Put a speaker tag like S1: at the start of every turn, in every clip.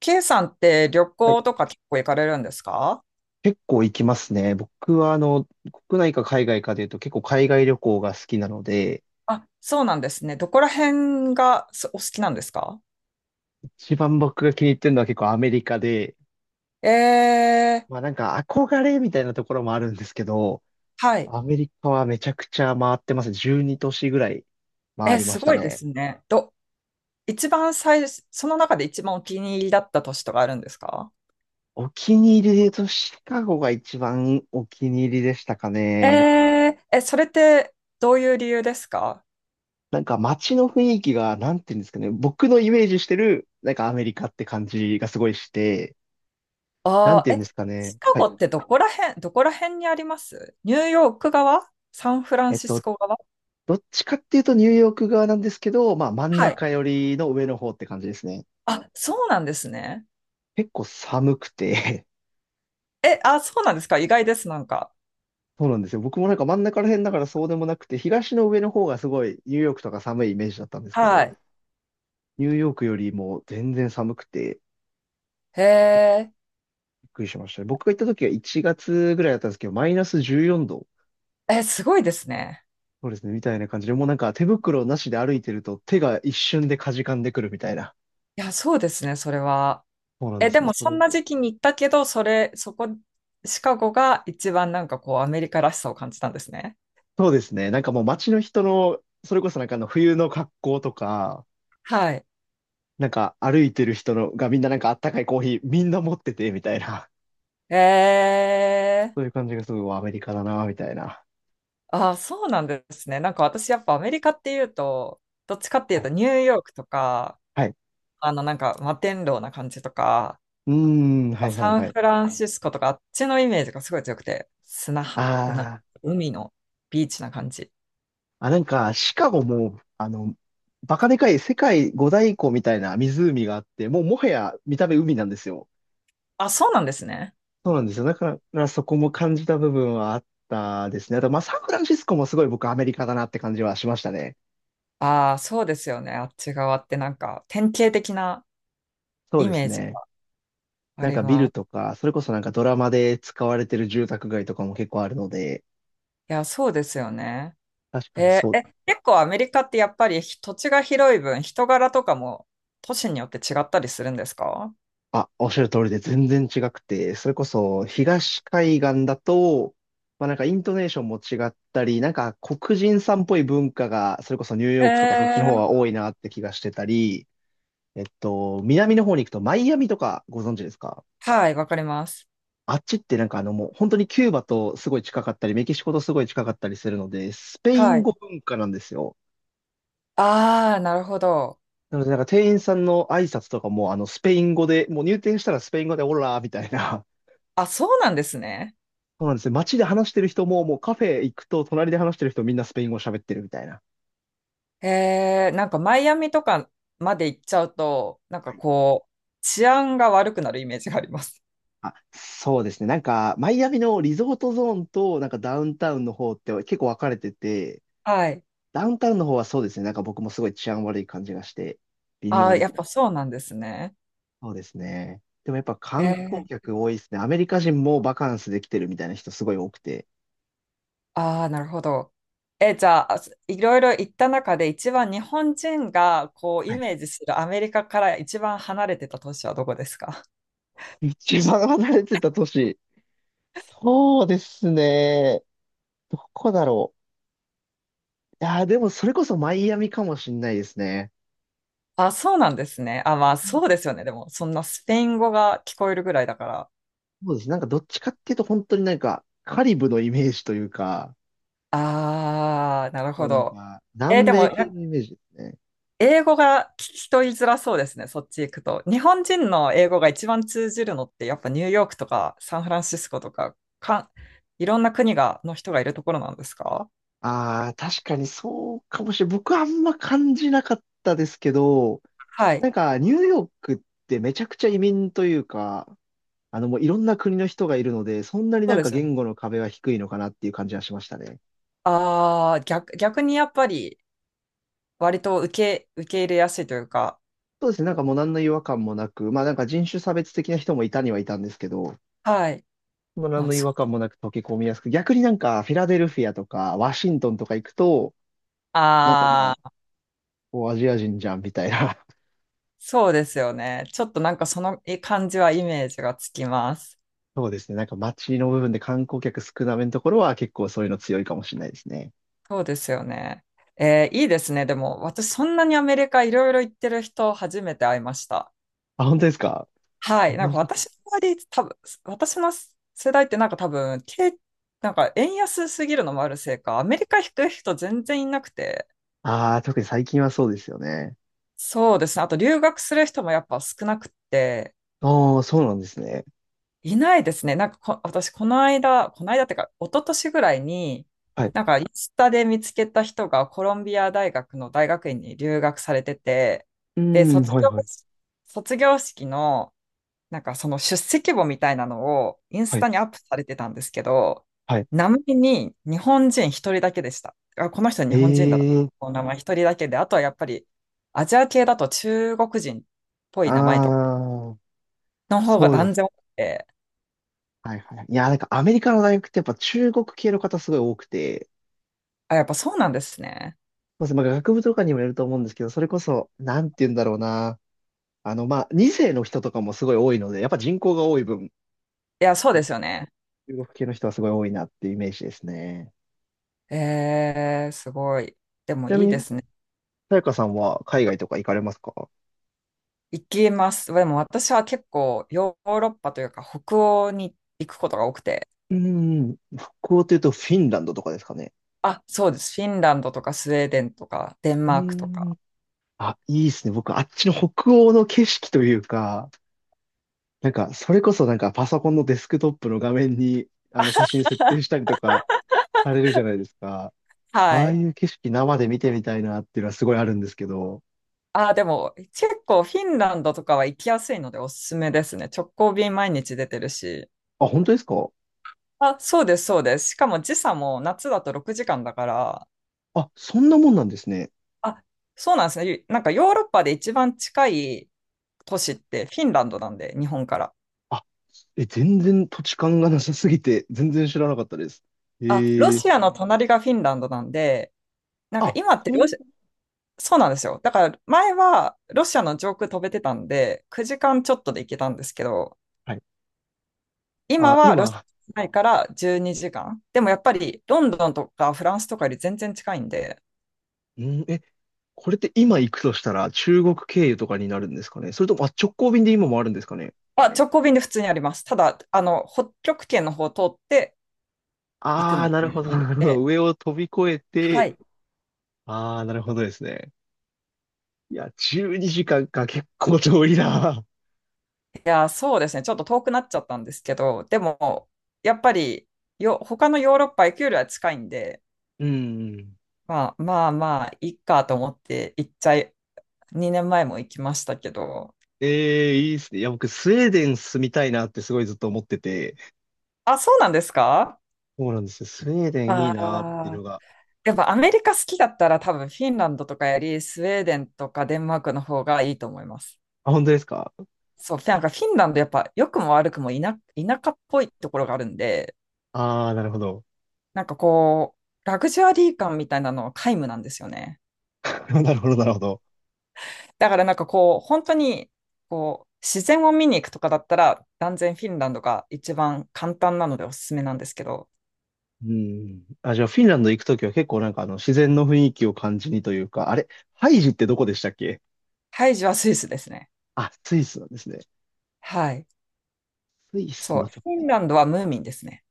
S1: K さんって旅
S2: はい。
S1: 行とか結構行かれるんですか
S2: 結構行きますね。僕は、国内か海外かで言うと結構海外旅行が好きなので、
S1: あ、そうなんですね。どこら辺がすお好きなんですか？
S2: 一番僕が気に入ってるのは結構アメリカで、
S1: え
S2: まあ
S1: ー、
S2: なんか憧れみたいなところもあるんですけど、
S1: はい。
S2: アメリカはめちゃくちゃ回ってますね。12都市ぐらい回
S1: え、
S2: りま
S1: す
S2: した
S1: ごいで
S2: ね。
S1: すね。一番最、その中で一番お気に入りだった都市とかあるんですか？
S2: お気に入りで言うとシカゴが一番お気に入りでしたか
S1: え
S2: ね。
S1: それってどういう理由ですか？
S2: なんか街の雰囲気が、なんていうんですかね。僕のイメージしてる、なんかアメリカって感じがすごいして、なん
S1: ああ
S2: てい
S1: ー、
S2: うん
S1: え、
S2: ですかね。
S1: シカ
S2: は
S1: ゴ
S2: い。
S1: ってどこら辺にあります？ニューヨーク側？サンフラン
S2: えっ
S1: シス
S2: と、
S1: コ側？
S2: どっちかっていうとニューヨーク側なんですけど、まあ真ん
S1: は
S2: 中
S1: い。
S2: 寄りの上の方って感じですね。
S1: あ、そうなんですね。
S2: 結構寒くて。
S1: え、あ、そうなんですか？意外です、なんか。
S2: そうなんですよ。僕もなんか真ん中ら辺だからそうでもなくて、東の上の方がすごいニューヨークとか寒いイメージだったんですけ
S1: は
S2: ど、
S1: い。
S2: ニューヨークよりも全然寒くて
S1: へえ、
S2: びっくりしましたね。僕が行った時は1月ぐらいだったんですけど、マイナス14度。
S1: すごいですね。
S2: そうですね、みたいな感じで、もうなんか手袋なしで歩いてると手が一瞬でかじかんでくるみたいな。
S1: いや、そうですね、それは。
S2: そうなん
S1: え、
S2: で
S1: で
S2: すね。
S1: もそんな時期に行ったけど、それ、そこ、シカゴが一番なんかこう、アメリカらしさを感じたんですね。
S2: そうですね。なんかもう街の人の、それこそなんかあの冬の格好とか、
S1: はい。
S2: なんか歩いてる人のがみんななんかあったかいコーヒーみんな持ってて、みたいな。
S1: へ え
S2: そういう感じがすごいアメリカだな、みたいな。
S1: ー、あ、そうなんですね。なんか私やっぱアメリカっていうと、どっちかってい
S2: は
S1: うと
S2: い。
S1: ニューヨークとか、
S2: はい。
S1: なんか摩天楼な感じとか、
S2: うーん、はいはい
S1: サン
S2: は
S1: フ
S2: い。
S1: ランシスコとかあっちのイメージがすごい強くて、砂
S2: あ
S1: 浜、な
S2: ー
S1: 海のビーチな感じ。
S2: あ、なんかシカゴも、バカでかい世界五大湖みたいな湖があって、もうもはや見た目海なんですよ。
S1: あ、そうなんですね。
S2: そうなんですよ。だからそこも感じた部分はあったですね。あと、まあ、サンフランシスコもすごい僕アメリカだなって感じはしましたね。
S1: ああ、そうですよね。あっち側ってなんか典型的な
S2: そう
S1: イ
S2: です
S1: メージが
S2: ね。
S1: あ
S2: なん
S1: り
S2: かビル
S1: ます。
S2: とか、それこそなんかドラマで使われてる住宅街とかも結構あるので、
S1: いや、そうですよね。
S2: 確かに
S1: え
S2: そ
S1: ー
S2: う、
S1: え、結構アメリカってやっぱり土地が広い分、人柄とかも都市によって違ったりするんですか？
S2: あ、おっしゃる通りで全然違くて、それこそ東海岸だと、まあなんかイントネーションも違ったり、なんか黒人さんっぽい文化が、それこそニュー
S1: え
S2: ヨークとかそっちの方
S1: ー、
S2: は多いなって気がしてたり、南の方に行くとマイアミとかご存知ですか？
S1: はい、わかります。
S2: あっちってなんかもう本当にキューバとすごい近かったり、メキシコとすごい近かったりするので、スペイ
S1: は
S2: ン
S1: い。
S2: 語文化なんですよ。
S1: ああ、なるほど。
S2: なので、なんか店員さんの挨拶とかも、スペイン語で、もう入店したらスペイン語で、オラーみたいな。
S1: あ、そうなんですね。
S2: そうなんですね。街で話してる人も、もうカフェ行くと、隣で話してる人みんなスペイン語喋ってるみたいな。
S1: なんかマイアミとかまで行っちゃうと、なん
S2: は
S1: か
S2: い。
S1: こう、治安が悪くなるイメージがあります。
S2: あ、そうですね。なんか、マイアミのリゾートゾーンと、なんかダウンタウンの方って結構分かれてて、
S1: はい。
S2: ダウンタウンの方はそうですね。なんか僕もすごい治安悪い感じがして、微
S1: あ
S2: 妙
S1: あ、
S2: で
S1: や
S2: し
S1: っ
S2: た。
S1: ぱそうなんですね。
S2: そうですね。でもやっぱ
S1: え
S2: 観
S1: ー
S2: 光客多いですね。アメリカ人もバカンスで来てるみたいな人すごい多くて。
S1: ああ、なるほど。え、じゃあ、いろいろ行った中で一番日本人がこうイ
S2: はい。
S1: メージするアメリカから一番離れてた都市はどこですか？
S2: 一番離れてた都市。そうですね。どこだろう。いやー、でもそれこそマイアミかもしんないですね。
S1: あ、そうなんですね。あ、まあ
S2: うん。
S1: そうですよね。でも、そんなスペイン語が聞こえるぐらいだから。
S2: そうです。なんかどっちかっていうと本当になんかカリブのイメージというか、
S1: ああ、なる
S2: そ
S1: ほ
S2: のなん
S1: ど。
S2: か
S1: え、
S2: 南
S1: でも、
S2: 米系のイメージですね。
S1: 英語が聞き取りづらそうですね。そっち行くと。日本人の英語が一番通じるのって、やっぱニューヨークとかサンフランシスコとか、いろんな国の人がいるところなんですか？
S2: ああ、確かにそうかもしれない。僕はあんま感じなかったですけど、
S1: は
S2: な
S1: い。
S2: んかニューヨークってめちゃくちゃ移民というか、もういろんな国の人がいるので、そんなに
S1: そう
S2: なん
S1: で
S2: か
S1: すよね。
S2: 言語の壁は低いのかなっていう感じはしましたね。
S1: ああ、逆にやっぱり、割と受け入れやすいというか、
S2: そうですね。なんかもう何の違和感もなく、まあなんか人種差別的な人もいたにはいたんですけど、
S1: はい。
S2: もう
S1: ま
S2: 何
S1: あ、
S2: の違和感もなく溶け込みやすく、逆になんかフィラデルフィアとかワシントンとか行くと、なんかま
S1: あ
S2: あ、
S1: あ、
S2: もうアジア人じゃんみたいな。
S1: そうですよね。ちょっとなんかその感じはイメージがつきます。
S2: そうですね。なんか街の部分で観光客少なめのところは結構そういうの強いかもしれないですね。
S1: そうですよね。いいですね。でも、私そんなにアメリカいろいろ行ってる人初めて会いました。
S2: あ、本当ですか？
S1: はい。なんか私の周り、多分、私の世代ってなんか多分、なんか円安すぎるのもあるせいか、アメリカ行く人全然いなくて、
S2: ああー、特に最近はそうですよね。
S1: そうですね。あと留学する人もやっぱ少なくて、
S2: ああ、そうなんですね。
S1: いないですね。なんか私、この間、この間っていうか、一昨年ぐらいに、
S2: はい。う
S1: なんか、インスタで見つけた人がコロンビア大学の大学院に留学されてて、
S2: ー
S1: で、
S2: ん、
S1: 卒
S2: はい
S1: 業、
S2: はい。
S1: 卒業式のなんかその出席簿みたいなのをイン
S2: は
S1: ス
S2: い、
S1: タにアップされてたんですけど、
S2: はい。
S1: 名前に日本人一人だけでした。あ、この人日本人だな。
S2: ええ。
S1: この名前一人だけで、あとはやっぱりアジア系だと中国人っぽい名前とか
S2: ああ、
S1: の方が
S2: そうで
S1: 断
S2: す。
S1: 然多くて、
S2: はいはいはい。いや、なんかアメリカの大学ってやっぱ中国系の方すごい多くて、
S1: あ、やっぱそうなんですね。
S2: まず、まあ、学部とかにもよると思うんですけど、それこそ、なんて言うんだろうな。まあ、2世の人とかもすごい多いので、やっぱ人口が多い分、
S1: いや、そうですよね。
S2: 中国系の人はすごい多いなっていうイメージですね。
S1: すごい。で
S2: ち
S1: も
S2: な
S1: い
S2: み
S1: いで
S2: に、
S1: すね。
S2: さやかさんは海外とか行かれますか？
S1: 行きます。でも私は結構ヨーロッパというか北欧に行くことが多くて、
S2: うーん、北欧というとフィンランドとかですかね。
S1: あ、そうです。フィンランドとかスウェーデンとかデン
S2: うー
S1: マークとか。
S2: ん。あ、いいですね。僕、あっちの北欧の景色というか、なんか、それこそなんかパソコンのデスクトップの画面に、写真設定したりとか、されるじゃないですか。あ
S1: は
S2: あ
S1: い。
S2: いう景色生で見てみたいなっていうのはすごいあるんですけど。
S1: あ、でも結構フィンランドとかは行きやすいのでおすすめですね。直行便毎日出てるし。
S2: あ、本当ですか？
S1: あ、そうです、そうです。しかも時差も夏だと6時間だから。
S2: あ、そんなもんなんですね。
S1: あ、そうなんですね。なんかヨーロッパで一番近い都市ってフィンランドなんで、日本から。
S2: あ、全然土地勘がなさすぎて、全然知らなかったです。え
S1: あ、ロ
S2: ー、
S1: シアの隣がフィンランドなんで、なんか
S2: あ、
S1: 今って
S2: そ
S1: ロ
S2: ん、
S1: シア。そうなんですよ。だから前はロシアの上空飛べてたんで、9時間ちょっとで行けたんですけど、
S2: はい。
S1: 今
S2: あ、
S1: はロシ
S2: 今、
S1: アないから12時間。でもやっぱりロンドンとかフランスとかより全然近いんで、
S2: うん、これって今行くとしたら中国経由とかになるんですかね？それとも、あ、直行便で今もあるんですかね？
S1: まあ、直行便で普通にあります。ただ、北極圏の方を通って行く
S2: ああ
S1: み
S2: ー、な
S1: た
S2: る
S1: いな
S2: ほど、
S1: 感
S2: な
S1: じ
S2: るほど。
S1: で。
S2: 上を飛び越え
S1: は
S2: て、
S1: い。い
S2: ああ、なるほどですね。いや、12時間かんか結構遠いな。
S1: や、そうですね。ちょっと遠くなっちゃったんですけど、でも、やっぱり他のヨーロッパ行くよりは近いんで、
S2: うん。
S1: まあまあまあ、いいかと思って行っちゃい、2年前も行きましたけど。
S2: ええ、いいっすね。いや、僕、スウェーデン住みたいなってすごいずっと思ってて、
S1: あ、そうなんですか？
S2: そうなんですよ。スウェーデンいい
S1: あ
S2: なっていうの
S1: あ、
S2: が。
S1: やっぱアメリカ好きだったら多分フィンランドとかよりスウェーデンとかデンマークの方がいいと思います。
S2: あ、本当ですか？
S1: そう、なんかフィンランドやっぱ良くも悪くも田舎っぽいところがあるんで、
S2: ああー、なるほど。
S1: なんかこう、ラグジュアリー感みたいなのは皆無なんですよね。
S2: なるほど、なるほど。
S1: だからなんかこう、本当にこう、自然を見に行くとかだったら断然フィンランドが一番簡単なのでおすすめなんですけど、
S2: うん。あ、じゃあ、フィンランド行くときは結構なんか自然の雰囲気を感じにというか、あれ、ハイジってどこでしたっけ？
S1: ハイジはスイスですね。
S2: あ、スイスなんですね。
S1: はい。
S2: スイス
S1: そう、
S2: もちょっ
S1: フィ
S2: と。
S1: ンランドはムーミンですね。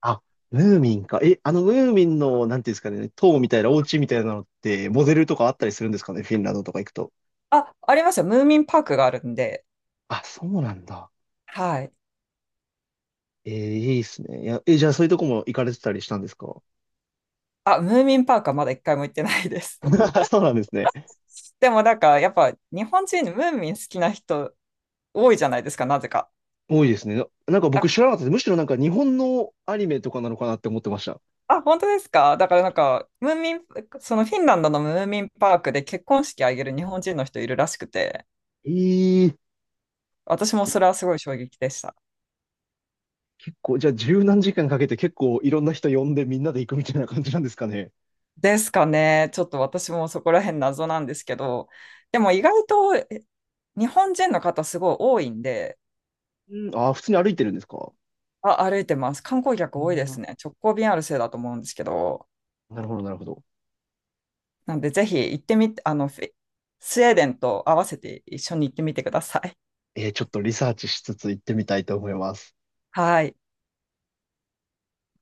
S2: あ、ムーミンか。ムーミンの、なんていうんですかね、塔みたいな、お家みたいなのって、モデルとかあったりするんですかね、フィンランドとか行くと。
S1: あ、ありますよ。ムーミンパークがあるんで、
S2: あ、そうなんだ。
S1: はい。
S2: ええ、いいっすね。いや、じゃあそういうとこも行かれてたりしたんですか？
S1: あ、ムーミンパークはまだ一回も行ってないです。
S2: そうなんですね。
S1: でもなんか、やっぱ日本人ムーミン好きな人多いじゃないですか、なぜか。
S2: 多いですね。なんか
S1: あ、
S2: 僕知らなかったです。むしろなんか日本のアニメとかなのかなって思ってました。
S1: あ、本当ですか？だからなんか、ムーミン、そのフィンランドのムーミンパークで結婚式あげる日本人の人いるらしくて、
S2: ええ、
S1: 私もそれはすごい衝撃でした。
S2: こう、じゃあ十何時間かけて結構いろんな人呼んでみんなで行くみたいな感じなんですかね。
S1: ですかね。ちょっと私もそこら辺謎なんですけど、でも意外と日本人の方すごい多いんで、
S2: うん、ああ、普通に歩いてるんですか？
S1: あ、歩いてます。観光客
S2: う
S1: 多い
S2: ん、
S1: で
S2: な
S1: すね。直行便あるせいだと思うんですけど。
S2: るほど、なるほど。
S1: なんで、ぜひ行ってみて、スウェーデンと合わせて一緒に行ってみてください。
S2: ええ、ちょっとリサーチしつつ行ってみたいと思います。
S1: はい。